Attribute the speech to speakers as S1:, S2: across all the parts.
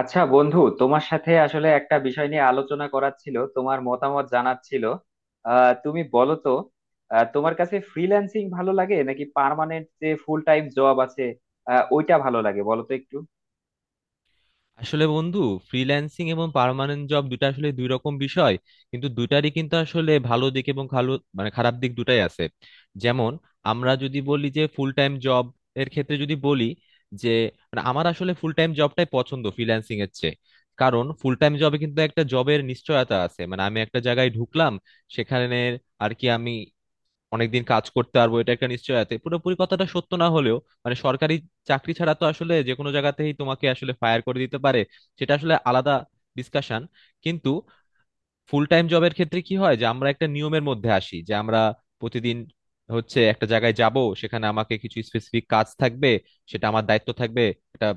S1: আচ্ছা বন্ধু, তোমার সাথে আসলে একটা বিষয় নিয়ে আলোচনা করার ছিল, তোমার মতামত জানার ছিল। তুমি বলো তো। তোমার কাছে ফ্রিল্যান্সিং ভালো লাগে নাকি পার্মানেন্ট যে ফুল টাইম জব আছে? ওইটা ভালো লাগে বলো তো একটু।
S2: আসলে বন্ধু ফ্রিল্যান্সিং এবং পার্মানেন্ট জব দুটা আসলে দুই রকম বিষয়, কিন্তু দুটারই কিন্তু আসলে ভালো দিক এবং ভালো মানে খারাপ দিক দুটাই আছে। যেমন আমরা যদি বলি যে ফুল টাইম জব এর ক্ষেত্রে যদি বলি যে, মানে আমার আসলে ফুল টাইম জবটাই পছন্দ ফ্রিল্যান্সিং এর চেয়ে। কারণ ফুল টাইম জবে কিন্তু একটা জবের নিশ্চয়তা আছে, মানে আমি একটা জায়গায় ঢুকলাম সেখানে আর কি আমি অনেকদিন কাজ করতে পারবো, এটা একটা নিশ্চয়তা। পুরোপুরি কথাটা সত্য না হলেও, মানে সরকারি চাকরি ছাড়া তো আসলে যে কোনো জায়গাতেই তোমাকে আসলে ফায়ার করে দিতে পারে, সেটা আসলে আলাদা ডিসকাশন। কিন্তু ফুল টাইম জবের ক্ষেত্রে কি হয় যে আমরা একটা নিয়মের মধ্যে আসি, যে আমরা প্রতিদিন হচ্ছে একটা জায়গায় যাব, সেখানে আমাকে কিছু স্পেসিফিক কাজ থাকবে, সেটা আমার দায়িত্ব থাকবে, এটা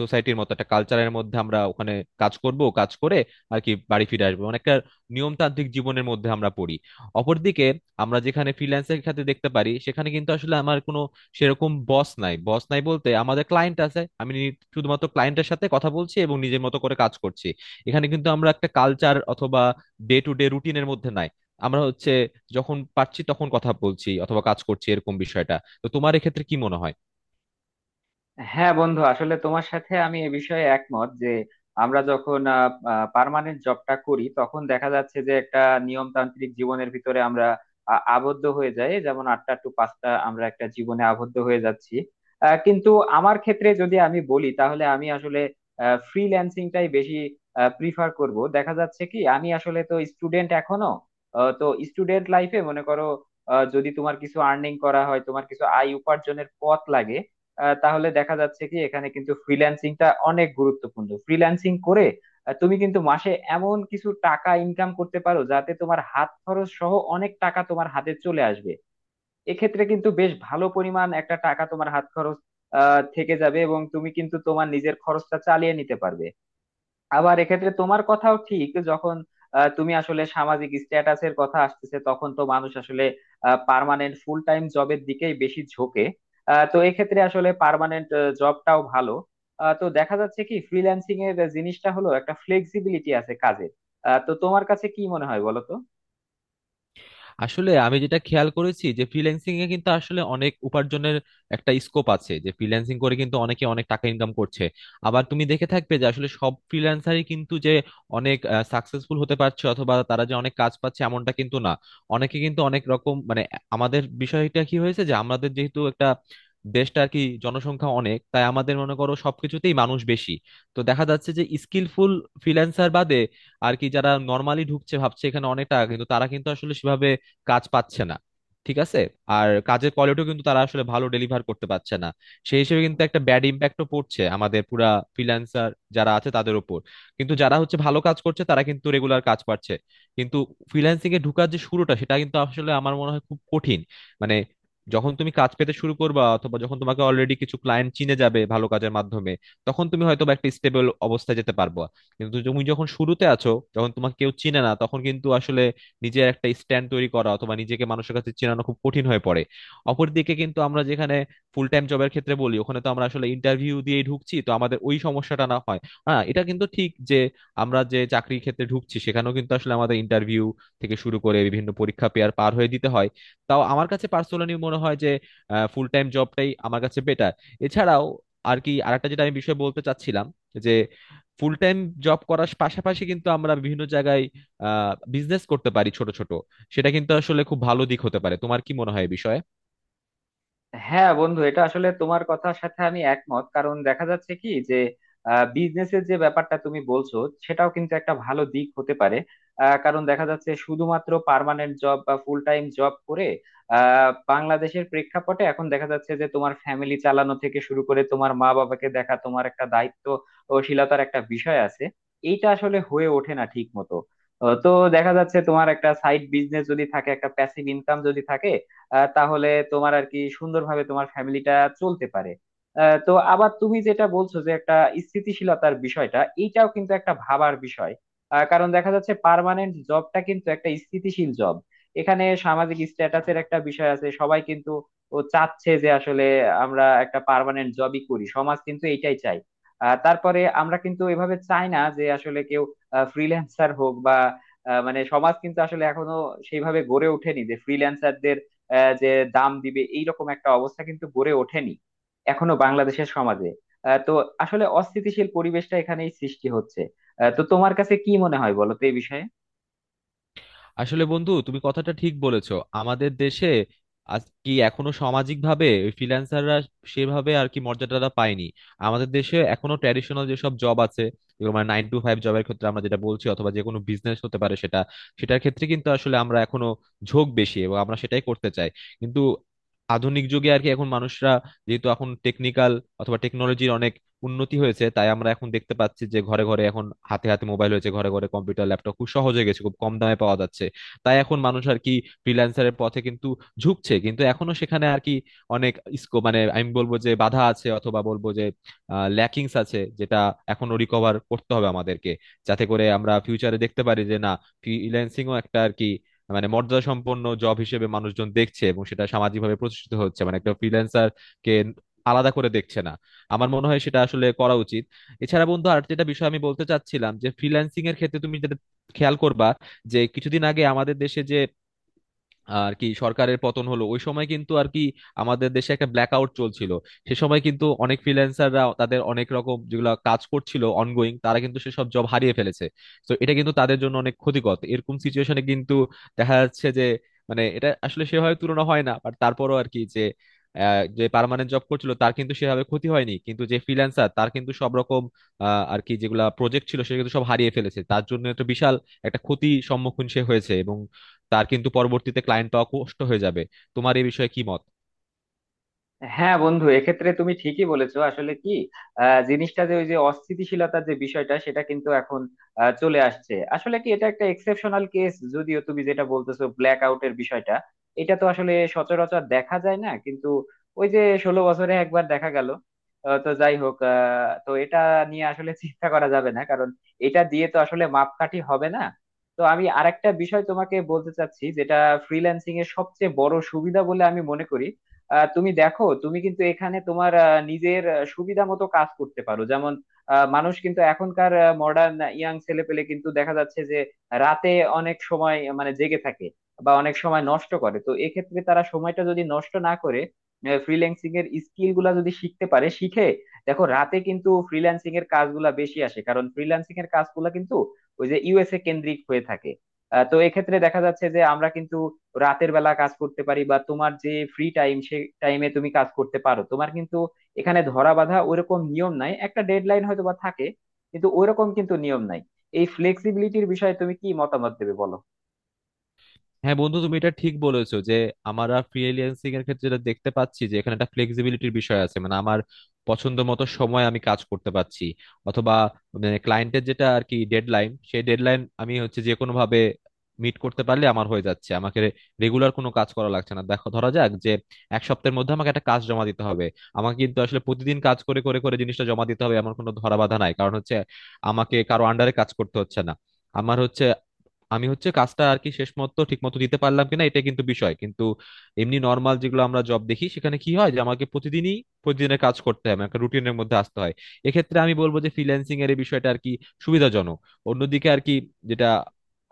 S2: সোসাইটির মতো একটা কালচারের মধ্যে আমরা ওখানে কাজ করব, কাজ করে আর কি বাড়ি ফিরে আসবো, মানে একটা নিয়মতান্ত্রিক জীবনের মধ্যে আমরা পড়ি। অপরদিকে আমরা যেখানে ফ্রিল্যান্সের খাতে দেখতে পারি সেখানে কিন্তু আসলে আমার কোনো সেরকম বস নাই, বস নাই বলতে আমাদের ক্লায়েন্ট আছে, আমি শুধুমাত্র ক্লায়েন্টের সাথে কথা বলছি এবং নিজের মতো করে কাজ করছি। এখানে কিন্তু আমরা একটা কালচার অথবা ডে টু ডে রুটিনের মধ্যে নাই, আমরা হচ্ছে যখন পারছি তখন কথা বলছি অথবা কাজ করছি এরকম বিষয়টা। তো তোমার এক্ষেত্রে কি মনে হয়?
S1: হ্যাঁ বন্ধু, আসলে তোমার সাথে আমি এ বিষয়ে একমত যে আমরা যখন পার্মানেন্ট জবটা করি তখন দেখা যাচ্ছে যে একটা নিয়মতান্ত্রিক জীবনের ভিতরে আমরা আবদ্ধ হয়ে যাই, যেমন 8টা টু 5টা আমরা একটা জীবনে আবদ্ধ হয়ে যাচ্ছি। কিন্তু আমার ক্ষেত্রে যদি আমি বলি তাহলে আমি আসলে ফ্রিল্যান্সিংটাই বেশি প্রিফার করব। দেখা যাচ্ছে কি আমি আসলে তো স্টুডেন্ট এখনো। তো স্টুডেন্ট লাইফে মনে করো, যদি তোমার কিছু আর্নিং করা হয়, তোমার কিছু আয় উপার্জনের পথ লাগে, তাহলে দেখা যাচ্ছে কি এখানে কিন্তু ফ্রিল্যান্সিংটা অনেক গুরুত্বপূর্ণ। ফ্রিল্যান্সিং করে তুমি কিন্তু মাসে এমন কিছু টাকা ইনকাম করতে পারো যাতে তোমার হাত খরচ সহ অনেক টাকা তোমার হাতে চলে আসবে। এক্ষেত্রে কিন্তু বেশ ভালো পরিমাণ একটা টাকা তোমার হাত খরচ থেকে যাবে, এবং তুমি কিন্তু তোমার নিজের খরচটা চালিয়ে নিতে পারবে। আবার এক্ষেত্রে তোমার কথাও ঠিক, যখন তুমি আসলে সামাজিক স্ট্যাটাসের কথা আসতেছে তখন তো মানুষ আসলে পার্মানেন্ট ফুল টাইম জবের দিকেই বেশি ঝোঁকে। তো এক্ষেত্রে আসলে পার্মানেন্ট জবটাও ভালো। তো দেখা যাচ্ছে কি ফ্রিল্যান্সিং এর জিনিসটা হলো একটা ফ্লেক্সিবিলিটি আছে কাজে। তো তোমার কাছে কি মনে হয় বলো তো।
S2: আসলে আমি যেটা খেয়াল করেছি যে ফ্রিল্যান্সিং এ কিন্তু আসলে অনেক উপার্জনের একটা স্কোপ আছে, যে ফ্রিল্যান্সিং করে কিন্তু অনেকে অনেক টাকা ইনকাম করছে। আবার তুমি দেখে থাকবে যে আসলে সব ফ্রিল্যান্সারই কিন্তু যে অনেক সাকসেসফুল হতে পারছে অথবা তারা যে অনেক কাজ পাচ্ছে এমনটা কিন্তু না। অনেকে কিন্তু অনেক রকম মানে আমাদের বিষয়টা কি হয়েছে যে আমাদের যেহেতু একটা দেশটা আর কি জনসংখ্যা অনেক, তাই আমাদের মনে করো সবকিছুতেই মানুষ বেশি। তো দেখা যাচ্ছে যে স্কিলফুল ফ্রিল্যান্সার বাদে আর কি যারা নর্মালি ঢুকছে ভাবছে এখানে অনেক টাকা, কিন্তু তারা কিন্তু আসলে সেভাবে কাজ পাচ্ছে না, ঠিক আছে। আর কাজের কোয়ালিটিও কিন্তু তারা আসলে ভালো ডেলিভার করতে পারছে না, সেই হিসেবে কিন্তু একটা ব্যাড ইম্প্যাক্টও পড়ছে আমাদের পুরা ফ্রিল্যান্সার যারা আছে তাদের উপর। কিন্তু যারা হচ্ছে ভালো কাজ করছে তারা কিন্তু রেগুলার কাজ পাচ্ছে। কিন্তু ফ্রিল্যান্সিং এ ঢুকার যে শুরুটা সেটা কিন্তু আসলে আমার মনে হয় খুব কঠিন। মানে যখন তুমি কাজ পেতে শুরু করবা অথবা যখন তোমাকে অলরেডি কিছু ক্লায়েন্ট চিনে যাবে ভালো কাজের মাধ্যমে, তখন তুমি হয়তো বা একটা স্টেবল অবস্থায় যেতে পারবা। কিন্তু তুমি যখন শুরুতে আছো, যখন তোমাকে কেউ চিনে না, তখন কিন্তু আসলে নিজের একটা স্ট্যান্ড তৈরি করা অথবা নিজেকে মানুষের কাছে চেনানো খুব কঠিন হয়ে পড়ে। অপরদিকে কিন্তু আমরা যেখানে ফুল টাইম জবের ক্ষেত্রে বলি, ওখানে তো আমরা আসলে ইন্টারভিউ দিয়ে ঢুকছি, তো আমাদের ওই সমস্যাটা না হয়। হ্যাঁ এটা কিন্তু ঠিক যে আমরা যে চাকরির ক্ষেত্রে ঢুকছি সেখানেও কিন্তু আসলে আমাদের ইন্টারভিউ থেকে শুরু করে বিভিন্ন পরীক্ষা পেয়ার পার হয়ে দিতে হয়। তাও আমার কাছে পার্সোনালি মনে হয় যে ফুল টাইম জবটাই আমার কাছে বেটার। এছাড়াও আর কি আরেকটা যেটা আমি বিষয় বলতে চাচ্ছিলাম, যে ফুল টাইম জব করার পাশাপাশি কিন্তু আমরা বিভিন্ন জায়গায় বিজনেস করতে পারি ছোট ছোট, সেটা কিন্তু আসলে খুব ভালো দিক হতে পারে। তোমার কি মনে হয় এই বিষয়ে?
S1: হ্যাঁ বন্ধু, এটা আসলে তোমার কথার সাথে আমি একমত, কারণ দেখা যাচ্ছে কি যে বিজনেসের যে ব্যাপারটা তুমি বলছো সেটাও কিন্তু একটা ভালো দিক হতে পারে। কারণ দেখা যাচ্ছে শুধুমাত্র পার্মানেন্ট জব বা ফুল টাইম জব করে বাংলাদেশের প্রেক্ষাপটে এখন দেখা যাচ্ছে যে তোমার ফ্যামিলি চালানো থেকে শুরু করে তোমার মা বাবাকে দেখা, তোমার একটা দায়িত্বশীলতার একটা বিষয় আছে। এইটা আসলে হয়ে ওঠে না ঠিক মতো। তো দেখা যাচ্ছে তোমার একটা সাইড বিজনেস যদি থাকে, একটা প্যাসিভ ইনকাম যদি থাকে তাহলে তোমার আর কি সুন্দরভাবে তোমার ফ্যামিলিটা চলতে পারে। তো আবার তুমি যেটা বলছো যে একটা স্থিতিশীলতার বিষয়টা, এইটাও কিন্তু একটা ভাবার বিষয়। কারণ দেখা যাচ্ছে পার্মানেন্ট জবটা কিন্তু একটা স্থিতিশীল জব। এখানে সামাজিক স্ট্যাটাসের একটা বিষয় আছে, সবাই কিন্তু ও চাচ্ছে যে আসলে আমরা একটা পার্মানেন্ট জবই করি, সমাজ কিন্তু এইটাই চাই। তারপরে আমরা কিন্তু এভাবে চাই না যে আসলে কেউ ফ্রিল্যান্সার হোক বা মানে সমাজ কিন্তু আসলে এখনো সেইভাবে গড়ে ওঠেনি যে ফ্রিল্যান্সারদের যে দাম দিবে, এইরকম একটা অবস্থা কিন্তু গড়ে ওঠেনি এখনো বাংলাদেশের সমাজে। তো আসলে অস্থিতিশীল পরিবেশটা এখানেই সৃষ্টি হচ্ছে। তো তোমার কাছে কি মনে হয় বলো তো এই বিষয়ে।
S2: আসলে বন্ধু তুমি কথাটা ঠিক বলেছো, আমাদের দেশে আজ কি এখনো সামাজিক ভাবে ফ্রিল্যান্সাররা সেভাবে আর কি মর্যাদাটা পায়নি। আমাদের দেশে এখনো ট্র্যাডিশনাল যেসব জব আছে, যেগুলো মানে নাইন টু ফাইভ জবের ক্ষেত্রে আমরা যেটা বলছি অথবা যে কোনো বিজনেস হতে পারে সেটা, সেটার ক্ষেত্রে কিন্তু আসলে আমরা এখনো ঝোঁক বেশি এবং আমরা সেটাই করতে চাই। কিন্তু আধুনিক যুগে আর কি এখন মানুষরা, যেহেতু এখন টেকনিক্যাল অথবা টেকনোলজির অনেক উন্নতি হয়েছে, তাই আমরা এখন দেখতে পাচ্ছি যে ঘরে ঘরে এখন হাতে হাতে মোবাইল হয়েছে, ঘরে ঘরে কম্পিউটার ল্যাপটপ খুব সহজ হয়ে গেছে, খুব কম দামে পাওয়া যাচ্ছে। তাই এখন মানুষ আর কি ফ্রিল্যান্সারের পথে কিন্তু ঝুঁকছে, কিন্তু এখনো সেখানে আর কি অনেক স্কোপ মানে আমি বলবো যে বাধা আছে অথবা বলবো যে ল্যাকিংস আছে, যেটা এখনো রিকভার করতে হবে আমাদেরকে, যাতে করে আমরা ফিউচারে দেখতে পারি যে না, ফ্রিল্যান্সিংও একটা আর কি মানে মর্যাদা সম্পন্ন জব হিসেবে মানুষজন দেখছে এবং সেটা সামাজিকভাবে প্রতিষ্ঠিত হচ্ছে, মানে একটা ফ্রিল্যান্সার কে আলাদা করে দেখছে না। আমার মনে হয় সেটা আসলে করা উচিত। এছাড়া বন্ধু আর যেটা বিষয় আমি বলতে চাচ্ছিলাম, যে ফ্রিল্যান্সিং এর ক্ষেত্রে তুমি যেটা খেয়াল করবা, যে কিছুদিন আগে আমাদের দেশে যে আর কি সরকারের পতন হলো, ওই সময় কিন্তু আর কি আমাদের দেশে একটা ব্ল্যাক আউট চলছিল। সে সময় কিন্তু অনেক ফ্রিল্যান্সাররা তাদের অনেক রকম যেগুলো কাজ করছিল অনগোয়িং, তারা কিন্তু সেসব জব হারিয়ে ফেলেছে। তো এটা কিন্তু তাদের জন্য অনেক ক্ষতিকর। তো এরকম সিচুয়েশনে কিন্তু দেখা যাচ্ছে যে, মানে এটা আসলে সেভাবে তুলনা হয় না, বাট তারপরও আর কি যে যে পার্মানেন্ট জব করছিল তার কিন্তু সেভাবে ক্ষতি হয়নি, কিন্তু যে ফ্রিল্যান্সার তার কিন্তু সব রকম আর কি যেগুলা প্রজেক্ট ছিল সেগুলো কিন্তু সব হারিয়ে ফেলেছে, তার জন্য একটা বিশাল একটা ক্ষতি সম্মুখীন সে হয়েছে এবং তার কিন্তু পরবর্তীতে ক্লায়েন্ট পাওয়া কষ্ট হয়ে যাবে। তোমার এই বিষয়ে কি মত?
S1: হ্যাঁ বন্ধু, এক্ষেত্রে তুমি ঠিকই বলেছো। আসলে কি জিনিসটা, যে ওই যে অস্থিতিশীলতার যে বিষয়টা সেটা কিন্তু এখন চলে আসছে। আসলে কি এটা একটা এক্সেপশনাল কেস, যদিও তুমি যেটা বলতেছো ব্ল্যাক আউটের বিষয়টা, এটা তো আসলে সচরাচর দেখা যায় না, কিন্তু ওই যে 16 বছরে একবার দেখা গেল। তো যাই হোক, তো এটা নিয়ে আসলে চিন্তা করা যাবে না কারণ এটা দিয়ে তো আসলে মাপকাঠি হবে না। তো আমি আরেকটা বিষয় তোমাকে বলতে চাচ্ছি, যেটা ফ্রিল্যান্সিং এর সবচেয়ে বড় সুবিধা বলে আমি মনে করি। তুমি দেখো, তুমি কিন্তু এখানে তোমার নিজের সুবিধা মতো কাজ করতে পারো, যেমন মানুষ কিন্তু এখনকার মডার্ন ইয়াং ছেলেপেলে কিন্তু দেখা যাচ্ছে যে রাতে অনেক সময় মানে জেগে থাকে বা অনেক সময় নষ্ট করে। তো এক্ষেত্রে তারা সময়টা যদি নষ্ট না করে ফ্রিল্যান্সিং এর স্কিল গুলা যদি শিখতে পারে, শিখে দেখো, রাতে কিন্তু ফ্রিল্যান্সিং এর কাজগুলা বেশি আসে, কারণ ফ্রিল্যান্সিং এর কাজগুলা কিন্তু ওই যে ইউএসএ কেন্দ্রিক হয়ে থাকে। তো এক্ষেত্রে দেখা যাচ্ছে যে আমরা কিন্তু রাতের বেলা কাজ করতে পারি বা তোমার যে ফ্রি টাইম সে টাইমে তুমি কাজ করতে পারো। তোমার কিন্তু এখানে ধরা বাঁধা ওইরকম নিয়ম নাই, একটা ডেডলাইন হয়তো বা থাকে কিন্তু ওইরকম কিন্তু নিয়ম নাই। এই ফ্লেক্সিবিলিটির বিষয়ে তুমি কি মতামত দেবে বলো।
S2: হ্যাঁ বন্ধু তুমি এটা ঠিক বলেছো যে আমরা ফ্রিল্যান্সিং এর ক্ষেত্রে যেটা দেখতে পাচ্ছি যে এখানে একটা ফ্লেক্সিবিলিটির বিষয় আছে, মানে আমার পছন্দ মতো সময় আমি কাজ করতে পারছি অথবা ক্লায়েন্টের যেটা আর কি ডেডলাইন, সেই ডেডলাইন আমি হচ্ছে যে কোনো ভাবে মিট করতে পারলে আমার হয়ে যাচ্ছে, আমাকে রেগুলার কোনো কাজ করা লাগছে না। দেখো ধরা যাক যে এক সপ্তাহের মধ্যে আমাকে একটা কাজ জমা দিতে হবে, আমাকে কিন্তু আসলে প্রতিদিন কাজ করে করে করে জিনিসটা জমা দিতে হবে আমার কোনো ধরা বাধা নাই, কারণ হচ্ছে আমাকে কারো আন্ডারে কাজ করতে হচ্ছে না। আমার হচ্ছে আমি হচ্ছে কাজটা আর কি শেষ মতো ঠিক মতো দিতে পারলাম কিনা এটা কিন্তু বিষয়, কিন্তু এমনি নর্মাল যেগুলো আমরা জব দেখি সেখানে কি হয় যে আমাকে প্রতিদিনই প্রতিদিনের কাজ করতে হয়, আমাকে রুটিনের মধ্যে আসতে হয়। এক্ষেত্রে আমি বলবো যে ফ্রিল্যান্সিং এর এই বিষয়টা আর কি সুবিধাজনক। অন্যদিকে আর কি যেটা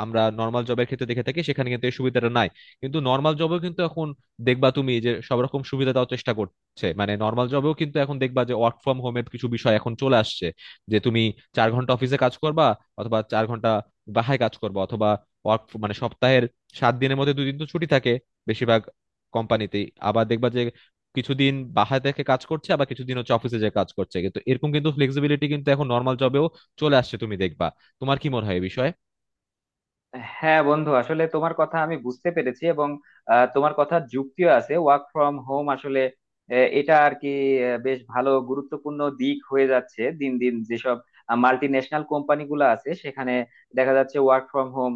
S2: আমরা নর্মাল জবের ক্ষেত্রে দেখে থাকি সেখানে কিন্তু এই সুবিধাটা নাই, কিন্তু নর্মাল জবেও কিন্তু এখন দেখবা তুমি যে সব রকম সুবিধা দেওয়ার চেষ্টা করছে, মানে নর্মাল জবেও কিন্তু এখন দেখবা যে ওয়ার্ক ফ্রম হোমের কিছু বিষয় এখন চলে আসছে, যে তুমি চার ঘন্টা অফিসে কাজ করবা অথবা চার ঘন্টা বাসায় কাজ করবা অথবা ওয়ার্ক মানে সপ্তাহের সাত দিনের মধ্যে দুদিন তো ছুটি থাকে বেশিরভাগ কোম্পানিতেই। আবার দেখবা যে কিছুদিন বাসায় থেকে কাজ করছে আবার কিছুদিন হচ্ছে অফিসে যে কাজ করছে, কিন্তু এরকম কিন্তু ফ্লেক্সিবিলিটি কিন্তু এখন নর্মাল জবেও চলে আসছে তুমি দেখবা। তোমার কি মনে হয় এই বিষয়ে?
S1: হ্যাঁ বন্ধু, আসলে তোমার কথা আমি বুঝতে পেরেছি এবং তোমার কথা যুক্তিও আছে। ওয়ার্ক ফ্রম হোম আসলে এটা আর কি বেশ ভালো গুরুত্বপূর্ণ দিক হয়ে যাচ্ছে দিন দিন। যেসব মাল্টি ন্যাশনাল কোম্পানি গুলো আছে সেখানে দেখা যাচ্ছে ওয়ার্ক ফ্রম হোম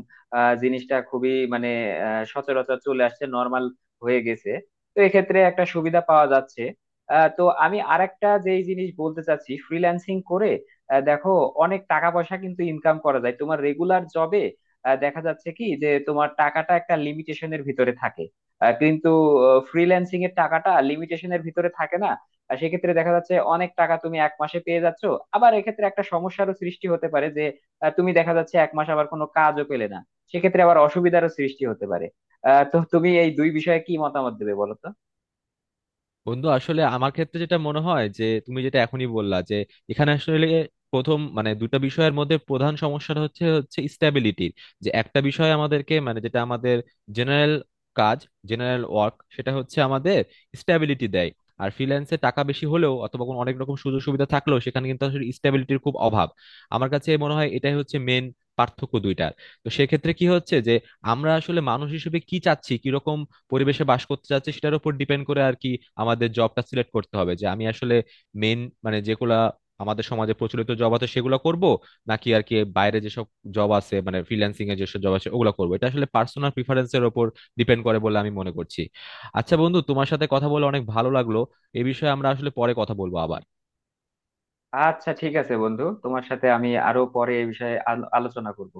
S1: জিনিসটা খুবই, মানে সচরাচর চলে আসছে, নর্মাল হয়ে গেছে। তো এক্ষেত্রে একটা সুবিধা পাওয়া যাচ্ছে। তো আমি আরেকটা যেই জিনিস বলতে চাচ্ছি, ফ্রিল্যান্সিং করে দেখো অনেক টাকা পয়সা কিন্তু ইনকাম করা যায়। তোমার রেগুলার জবে দেখা যাচ্ছে কি যে তোমার টাকাটা একটা লিমিটেশনের ভিতরে থাকে, কিন্তু ফ্রিল্যান্সিং এর টাকাটা লিমিটেশনের ভিতরে থাকে না। আর সেক্ষেত্রে দেখা যাচ্ছে অনেক টাকা তুমি এক মাসে পেয়ে যাচ্ছ। আবার এক্ষেত্রে একটা সমস্যারও সৃষ্টি হতে পারে যে তুমি দেখা যাচ্ছে এক মাস আবার কোনো কাজও পেলে না, সেক্ষেত্রে আবার অসুবিধারও সৃষ্টি হতে পারে। তো তুমি এই দুই বিষয়ে কি মতামত দেবে বলো তো।
S2: বন্ধু আসলে আমার ক্ষেত্রে যেটা মনে হয় যে তুমি যেটা এখনই বললা যে এখানে আসলে প্রথম মানে দুটো বিষয়ের মধ্যে প্রধান সমস্যাটা হচ্ছে হচ্ছে স্ট্যাবিলিটির, যে একটা বিষয় আমাদেরকে মানে যেটা আমাদের জেনারেল কাজ, জেনারেল ওয়ার্ক, সেটা হচ্ছে আমাদের স্ট্যাবিলিটি দেয়। আর ফ্রিল্যান্সে টাকা বেশি হলেও অথবা কোনো অনেক রকম সুযোগ সুবিধা থাকলেও সেখানে কিন্তু আসলে স্ট্যাবিলিটির খুব অভাব। আমার কাছে মনে হয় এটাই হচ্ছে মেন পার্থক্য দুইটার। তো সেক্ষেত্রে কি হচ্ছে যে আমরা আসলে মানুষ হিসেবে কি চাচ্ছি, কিরকম পরিবেশে বাস করতে চাচ্ছি সেটার উপর ডিপেন্ড করে আর কি আমাদের জবটা সিলেক্ট করতে হবে, যে আমি আসলে মেন মানে যেগুলা আমাদের সমাজে প্রচলিত জব আছে সেগুলো করব নাকি আর কি বাইরে যেসব জব আছে মানে ফ্রিল্যান্সিং এর যেসব জব আছে ওগুলো করবো, এটা আসলে পার্সোনাল প্রিফারেন্সের উপর ডিপেন্ড করে বলে আমি মনে করছি। আচ্ছা বন্ধু তোমার সাথে কথা বলে অনেক ভালো লাগলো, এ বিষয়ে আমরা আসলে পরে কথা বলবো আবার।
S1: আচ্ছা, ঠিক আছে বন্ধু, তোমার সাথে আমি আরো পরে এই বিষয়ে আলোচনা করব।